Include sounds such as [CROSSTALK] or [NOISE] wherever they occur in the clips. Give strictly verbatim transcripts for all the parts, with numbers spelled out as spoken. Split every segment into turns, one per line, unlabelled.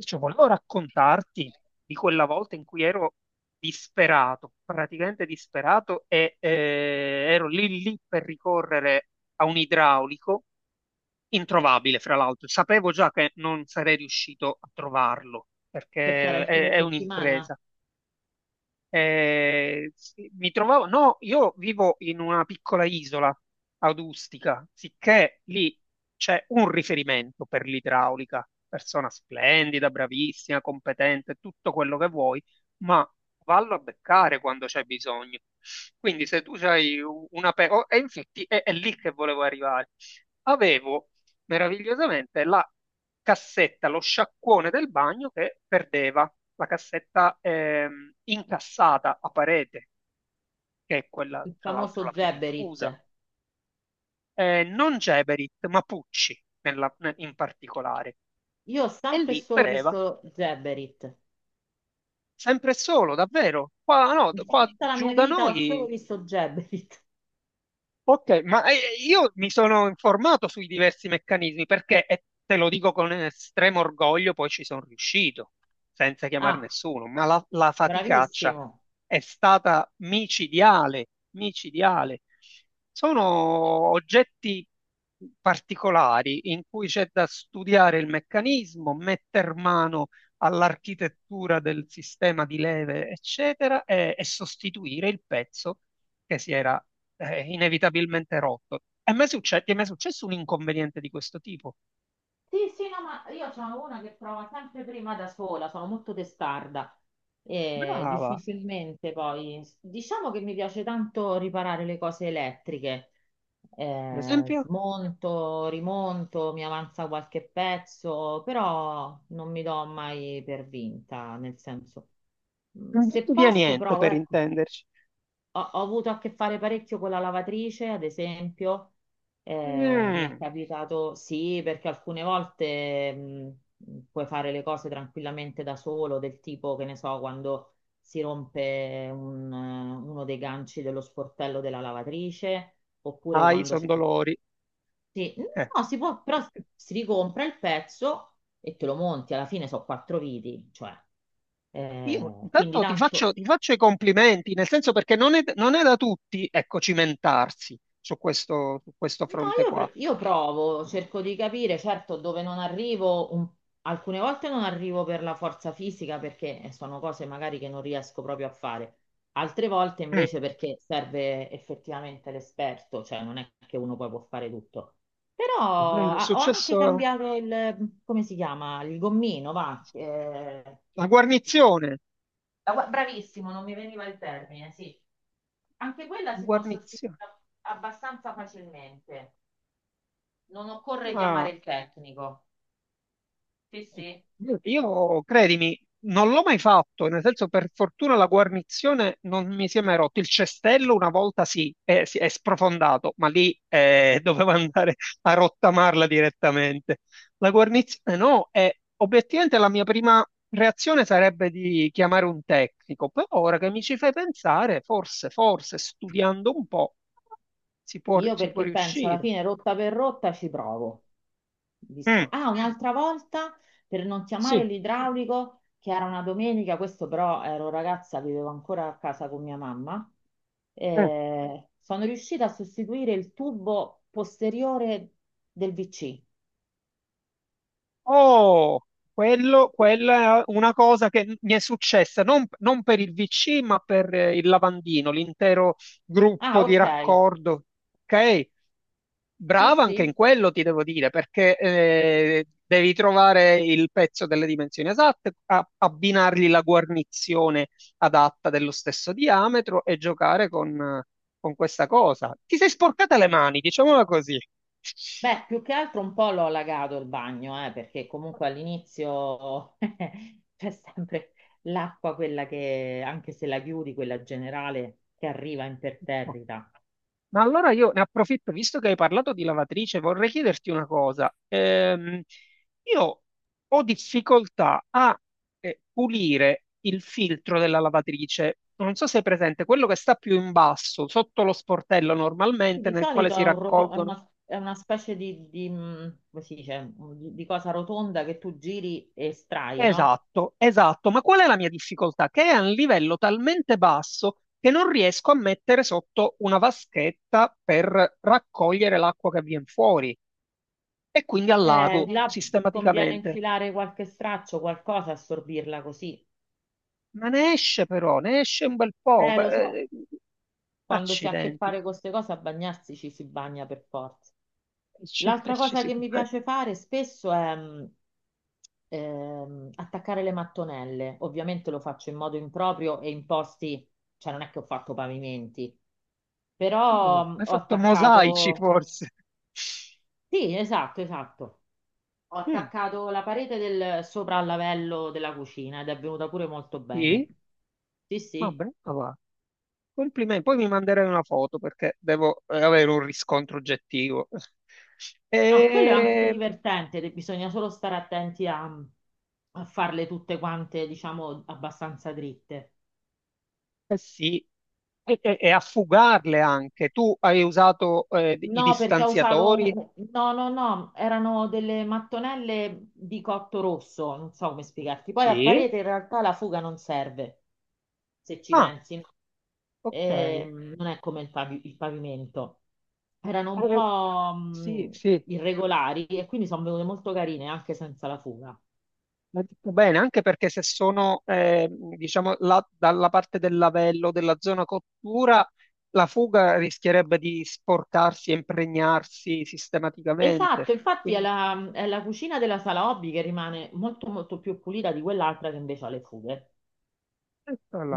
Cioè, volevo raccontarti di quella volta in cui ero disperato, praticamente disperato, e eh, ero lì lì per ricorrere a un idraulico introvabile, fra l'altro. Sapevo già che non sarei riuscito a trovarlo,
Perché era
perché
il
è,
fine
è
settimana,
un'impresa. Eh, sì, mi trovavo, no, io vivo in una piccola isola adustica, sicché lì c'è un riferimento per l'idraulica, persona splendida, bravissima, competente, tutto quello che vuoi, ma vallo a beccare quando c'è bisogno. Quindi se tu hai una... pe- oh, e infatti è, è lì che volevo arrivare. Avevo meravigliosamente la cassetta, lo sciacquone del bagno che perdeva, la cassetta ehm, incassata a parete, che è quella
il
tra l'altro
famoso
la più diffusa.
Geberit.
Eh, non Geberit, ma Pucci nella- ne- in particolare.
Io ho
E
sempre e
lì
solo
beveva,
visto Geberit.
sempre e solo, davvero. Qua, no,
In
qua
tutta la
giù
mia
da
vita ho
noi.
solo visto Geberit.
Ok, ma eh, io mi sono informato sui diversi meccanismi perché, e te lo dico con estremo orgoglio, poi ci sono riuscito, senza chiamare
Ah,
nessuno, ma la, la faticaccia
bravissimo.
è stata micidiale, micidiale. Sono oggetti particolari in cui c'è da studiare il meccanismo, metter mano all'architettura del sistema di leve, eccetera, e e sostituire il pezzo che si era eh, inevitabilmente rotto. E mi è succe- ti è mai successo un inconveniente di questo tipo?
Sì, sì, no, ma io sono una che prova sempre prima da sola, sono molto testarda e
Brava,
difficilmente poi... Diciamo che mi piace tanto riparare le cose elettriche.
per
Eh,
esempio,
smonto, rimonto, mi avanza qualche pezzo, però non mi do mai per vinta, nel senso, mm,
non
se
butto via
posso
niente
provo,
per
ecco.
intenderci.
Ho, ho avuto a che fare parecchio con la lavatrice, ad esempio. Eh, mi è
Mm,
capitato, sì, perché alcune volte mh, puoi fare le cose tranquillamente da solo, del tipo, che ne so, quando si rompe un, eh, uno dei ganci dello sportello della lavatrice, oppure
ai,
quando
sono
c'è...
dolori.
Sì,
Eh,
no, si può, però si ricompra il pezzo e te lo monti, alla fine sono quattro viti, cioè...
Io
Eh, quindi
intanto ti
tanto.
faccio, ti faccio i complimenti, nel senso perché non è, non è da tutti, ecco, cimentarsi su questo, su questo
No,
fronte
io,
qua.
pr- io provo, cerco di capire, certo, dove non arrivo, un- alcune volte non arrivo per la forza fisica perché eh, sono cose magari che non riesco proprio a fare, altre volte
Mm,
invece perché serve effettivamente l'esperto, cioè non è che uno poi può fare tutto. Però
è vero, è
ah, ho anche
successo
cambiato il, come si chiama, il gommino, va. Eh,
la guarnizione.
la gua- bravissimo, non mi veniva il termine, sì. Anche quella si può sostituire
Guarnizione.
abbastanza facilmente. Non occorre chiamare
Ah.
il tecnico. Sì, sì.
Io, credimi, non l'ho mai fatto, nel senso per fortuna la guarnizione non mi si è mai rotto. Il cestello una volta sì, è, si è sprofondato, ma lì eh, [LAUGHS] dovevo andare a rottamarla direttamente. La guarnizione no, e obiettivamente la mia prima reazione sarebbe di chiamare un tecnico, però ora che mi ci fai pensare, forse, forse studiando un po' si può,
Io
si può
perché penso alla
riuscire.
fine rotta per rotta ci provo. Visto.
Mm,
Ah, un'altra volta per non chiamare
sì.
l'idraulico, che era una domenica, questo però ero ragazza, vivevo ancora a casa con mia mamma.
Mm.
Eh, sono riuscita a sostituire il tubo posteriore del V C.
Oh, quello, quella è una cosa che mi è successa non, non per il vu ci, ma per eh, il lavandino, l'intero
Ah,
gruppo di
ok.
raccordo. Ok,
Sì,
brava anche in
sì.
quello, ti devo dire, perché eh, devi trovare il pezzo delle dimensioni esatte, a- abbinargli la guarnizione adatta dello stesso diametro e giocare con, con questa cosa. Ti sei sporcata le mani, diciamola così.
Beh, più che altro un po' l'ho allagato il bagno, eh, perché comunque all'inizio [LAUGHS] c'è sempre l'acqua, quella che, anche se la chiudi, quella generale, che arriva
[LAUGHS]
imperterrita.
Ma allora io ne approfitto, visto che hai parlato di lavatrice, vorrei chiederti una cosa. Ehm, io ho difficoltà a eh, pulire il filtro della lavatrice. Non so se è presente, quello che sta più in basso, sotto lo sportello
Sì,
normalmente,
di
nel quale
solito
si
è, un roto- è
raccolgono.
una, è una specie di, di, mh, come si dice, mm, di, di cosa rotonda che tu giri e estrai, no?
Esatto, esatto. Ma qual è la mia difficoltà? Che è a un livello talmente basso che non riesco a mettere sotto una vaschetta per raccogliere l'acqua che viene fuori. E quindi al
Eh,
lago
sì. Là conviene
sistematicamente.
infilare qualche straccio, qualcosa, assorbirla così.
Ma ne esce però, ne esce un bel po'.
Eh, lo so,
Eh,
quando si ha a che
accidenti.
fare con queste cose, a bagnarsi ci si bagna per forza.
E ci- e
L'altra
ci
cosa
si-
che mi piace fare spesso è mh, ehm, attaccare le mattonelle. Ovviamente lo faccio in modo improprio e in posti, cioè non è che ho fatto pavimenti,
oh,
però mh,
hai
ho
fatto mosaici
attaccato,
forse.
sì, esatto, esatto. Ho
Mm,
attaccato la parete del sopra al lavello della cucina ed è venuta pure molto bene.
sì,
Sì,
ma
sì.
brava. Va. Complimenti. Poi mi manderai una foto perché devo eh, avere un riscontro oggettivo. [LAUGHS]
No, quello è anche
E,
divertente, de- bisogna solo stare attenti a, a farle tutte quante, diciamo, abbastanza dritte.
eh sì, e, e- e a fugarle anche. Tu hai usato eh, i
No, perché ho usato...
distanziatori?
un- No, no, no, erano delle mattonelle di cotto rosso, non so come spiegarti. Poi a
Sì.
parete in realtà la fuga non serve, se ci
Ah,
pensi.
ok.
Ehm, non è come il, pavi- il pavimento. Erano un
Eh,
po'
sì,
mh,
sì,
irregolari e quindi sono venute molto carine anche senza la fuga.
l'ha detto bene, anche perché se sono, eh, diciamo, la- dalla parte del lavello, della zona cottura, la fuga rischierebbe di sporcarsi e impregnarsi sistematicamente.
Esatto, infatti è
Quindi,
la, è la cucina della sala hobby che rimane molto molto più pulita di quell'altra che invece ha le fughe.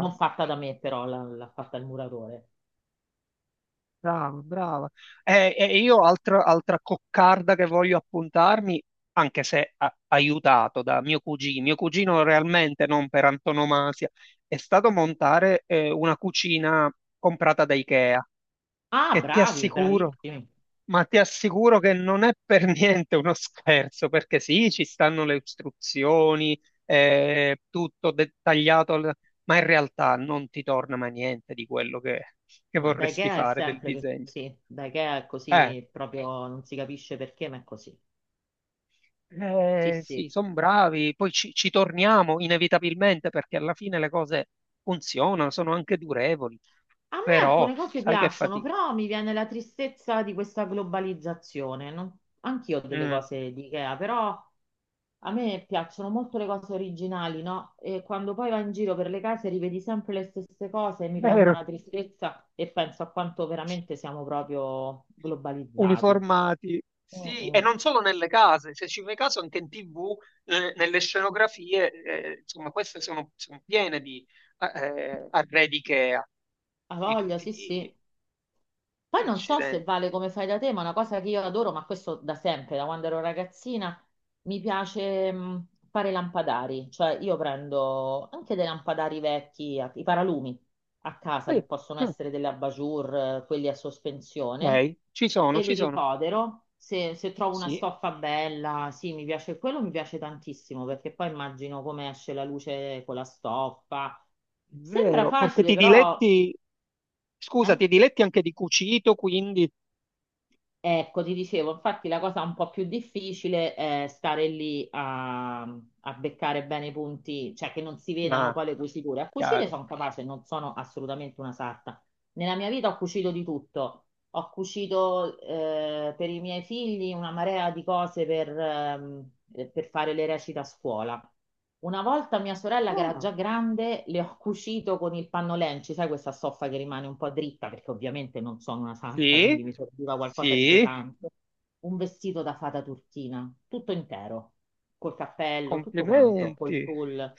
Non fatta da me, però la- l'ha fatta il muratore.
brava, brava. E, e io altra, altra coccarda che voglio appuntarmi, anche se a- aiutato da mio cugino, mio cugino realmente non per antonomasia, è stato montare, eh, una cucina comprata da Ikea.
Ah,
Che ti
bravi,
assicuro,
bravissimi.
ma ti assicuro che non è per [LAUGHS] niente uno scherzo, perché sì, ci stanno le istruzioni, eh, tutto dettagliato, al- ma in realtà non ti torna mai niente di quello che, che
Ma da
vorresti
Ikea è
fare del
sempre
disegno.
così. Da Ikea è
Eh,
così, proprio non si capisce perché, ma è così. Sì,
eh, sì,
sì.
sono bravi, poi ci, ci torniamo inevitabilmente perché alla fine le cose funzionano, sono anche durevoli,
A me alcune
però
cose
sai che
piacciono,
fatica.
però mi viene la tristezza di questa globalizzazione. Non- Anch'io ho delle
Mm,
cose di Ikea, però a me piacciono molto le cose originali, no? E quando poi vai in giro per le case rivedi sempre le stesse cose e mi prende
vero.
una tristezza e penso a quanto veramente siamo proprio globalizzati.
Uniformati.
Mm,
Sì, e
mm.
non solo nelle case, se ci fai caso anche in ti vu, eh, nelle scenografie, eh, insomma, queste sono, sono piene di eh, arredi IKEA,
Ha
di
voglia,
tutti i
sì,
tipi.
sì. Poi non so se
Accidenti.
vale come fai da te, ma una cosa che io adoro, ma questo da sempre, da quando ero ragazzina, mi piace mh, fare lampadari. Cioè io prendo anche dei lampadari vecchi, a- i paralumi a casa,
Sì,
che possono
mm,
essere delle abajur, eh, quelli a sospensione,
lei, ci sono,
e
ci
li
sono.
ripodero. Se, se trovo una
Sì, è
stoffa bella, sì, mi piace quello, mi piace tantissimo, perché poi immagino come esce la luce con la stoffa. Sembra
vero, perché
facile,
ti
però
diletti, scusa,
eh?
ti diletti anche di cucito, quindi...
Ecco, ti dicevo, infatti la cosa un po' più difficile è stare lì a, a beccare bene i punti, cioè che non si vedano
Ah,
poi le cuciture. A cucire
chiaro.
sono capace, non sono assolutamente una sarta. Nella mia vita ho cucito di tutto, ho cucito eh, per i miei figli una marea di cose per, ehm, eh, per fare le recite a scuola. Una volta mia sorella, che era
Ah,
già grande, le ho cucito con il panno lenci, sai questa stoffa che rimane un po' dritta, perché ovviamente non sono una santa, quindi
sì,
mi serviva qualcosa di
sì,
pesante. Un vestito da fata turchina, tutto intero, col cappello, tutto quanto, col
complimenti,
tul.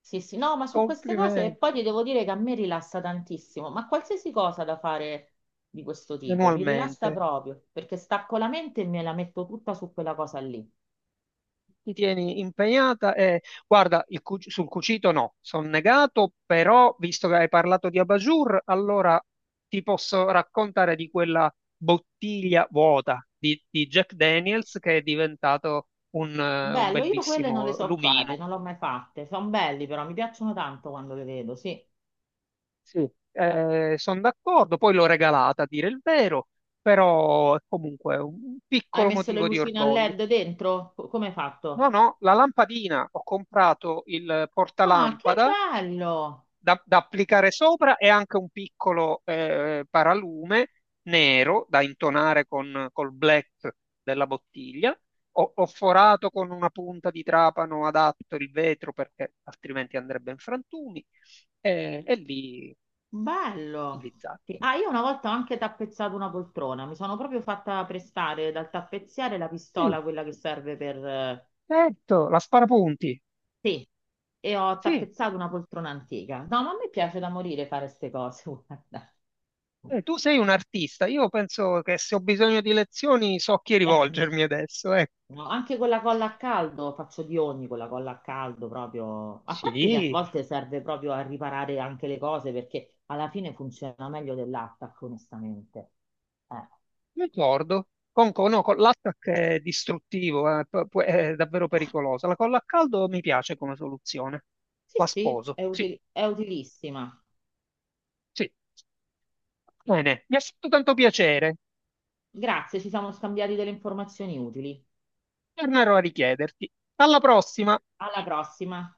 Sì, sì, no, ma su queste cose e
complimenti,
poi ti devo dire che a me rilassa tantissimo, ma qualsiasi cosa da fare di questo tipo mi
manualmente.
rilassa proprio perché stacco la mente e me la metto tutta su quella cosa lì.
Ti tieni impegnata e guarda, il cu- sul cucito no, sono negato, però visto che hai parlato di Abajur, allora ti posso raccontare di quella bottiglia vuota di, di Jack Daniels che è diventato un, eh, un
Bello, io quelle non le
bellissimo
so fare,
lumino.
non le ho mai fatte. Sono belli però, mi piacciono tanto quando le vedo, sì.
Sì, sono d'accordo, poi l'ho regalata a dire il vero, però è comunque un
Hai
piccolo
messo le
motivo di
lucine a
orgoglio.
LED dentro? Co- Come hai
No,
fatto?
no, la lampadina, ho comprato il
Ah, che
portalampada
bello!
da, da applicare sopra e anche un piccolo eh, paralume nero da intonare con, col black della bottiglia. Ho, ho forato con una punta di trapano adatto il vetro perché altrimenti andrebbe in frantumi eh, e lì
Bello.
lì zacco.
Sì. Ah, io una volta ho anche tappezzato una poltrona, mi sono proprio fatta prestare dal tappezziere la
Sì,
pistola, quella che serve per... eh,
certo, la sparapunti.
sì, e ho
Sì,
tappezzato una poltrona antica. No, ma a me piace da morire fare queste cose, [LAUGHS] guarda.
eh, tu sei un artista. Io penso che se ho bisogno di lezioni so a chi
Eh,
rivolgermi adesso. Ecco.
No, anche con la colla a caldo faccio di ogni con la colla a caldo proprio. A parte che a
Sì.
volte serve proprio a riparare anche le cose perché alla fine funziona meglio dell'attacco, onestamente. Eh,
Ricordo, con, con, no, con l'attack è distruttivo, eh, pu- pu- è davvero
beh,
pericolosa. La colla a caldo mi piace come soluzione.
sì,
La
sì,
sposo.
è
Sì,
utili- è utilissima.
sì. Bene, mi ha fatto tanto piacere.
Grazie, ci siamo scambiati delle informazioni utili.
Tornerò a richiederti. Alla prossima!
Alla prossima.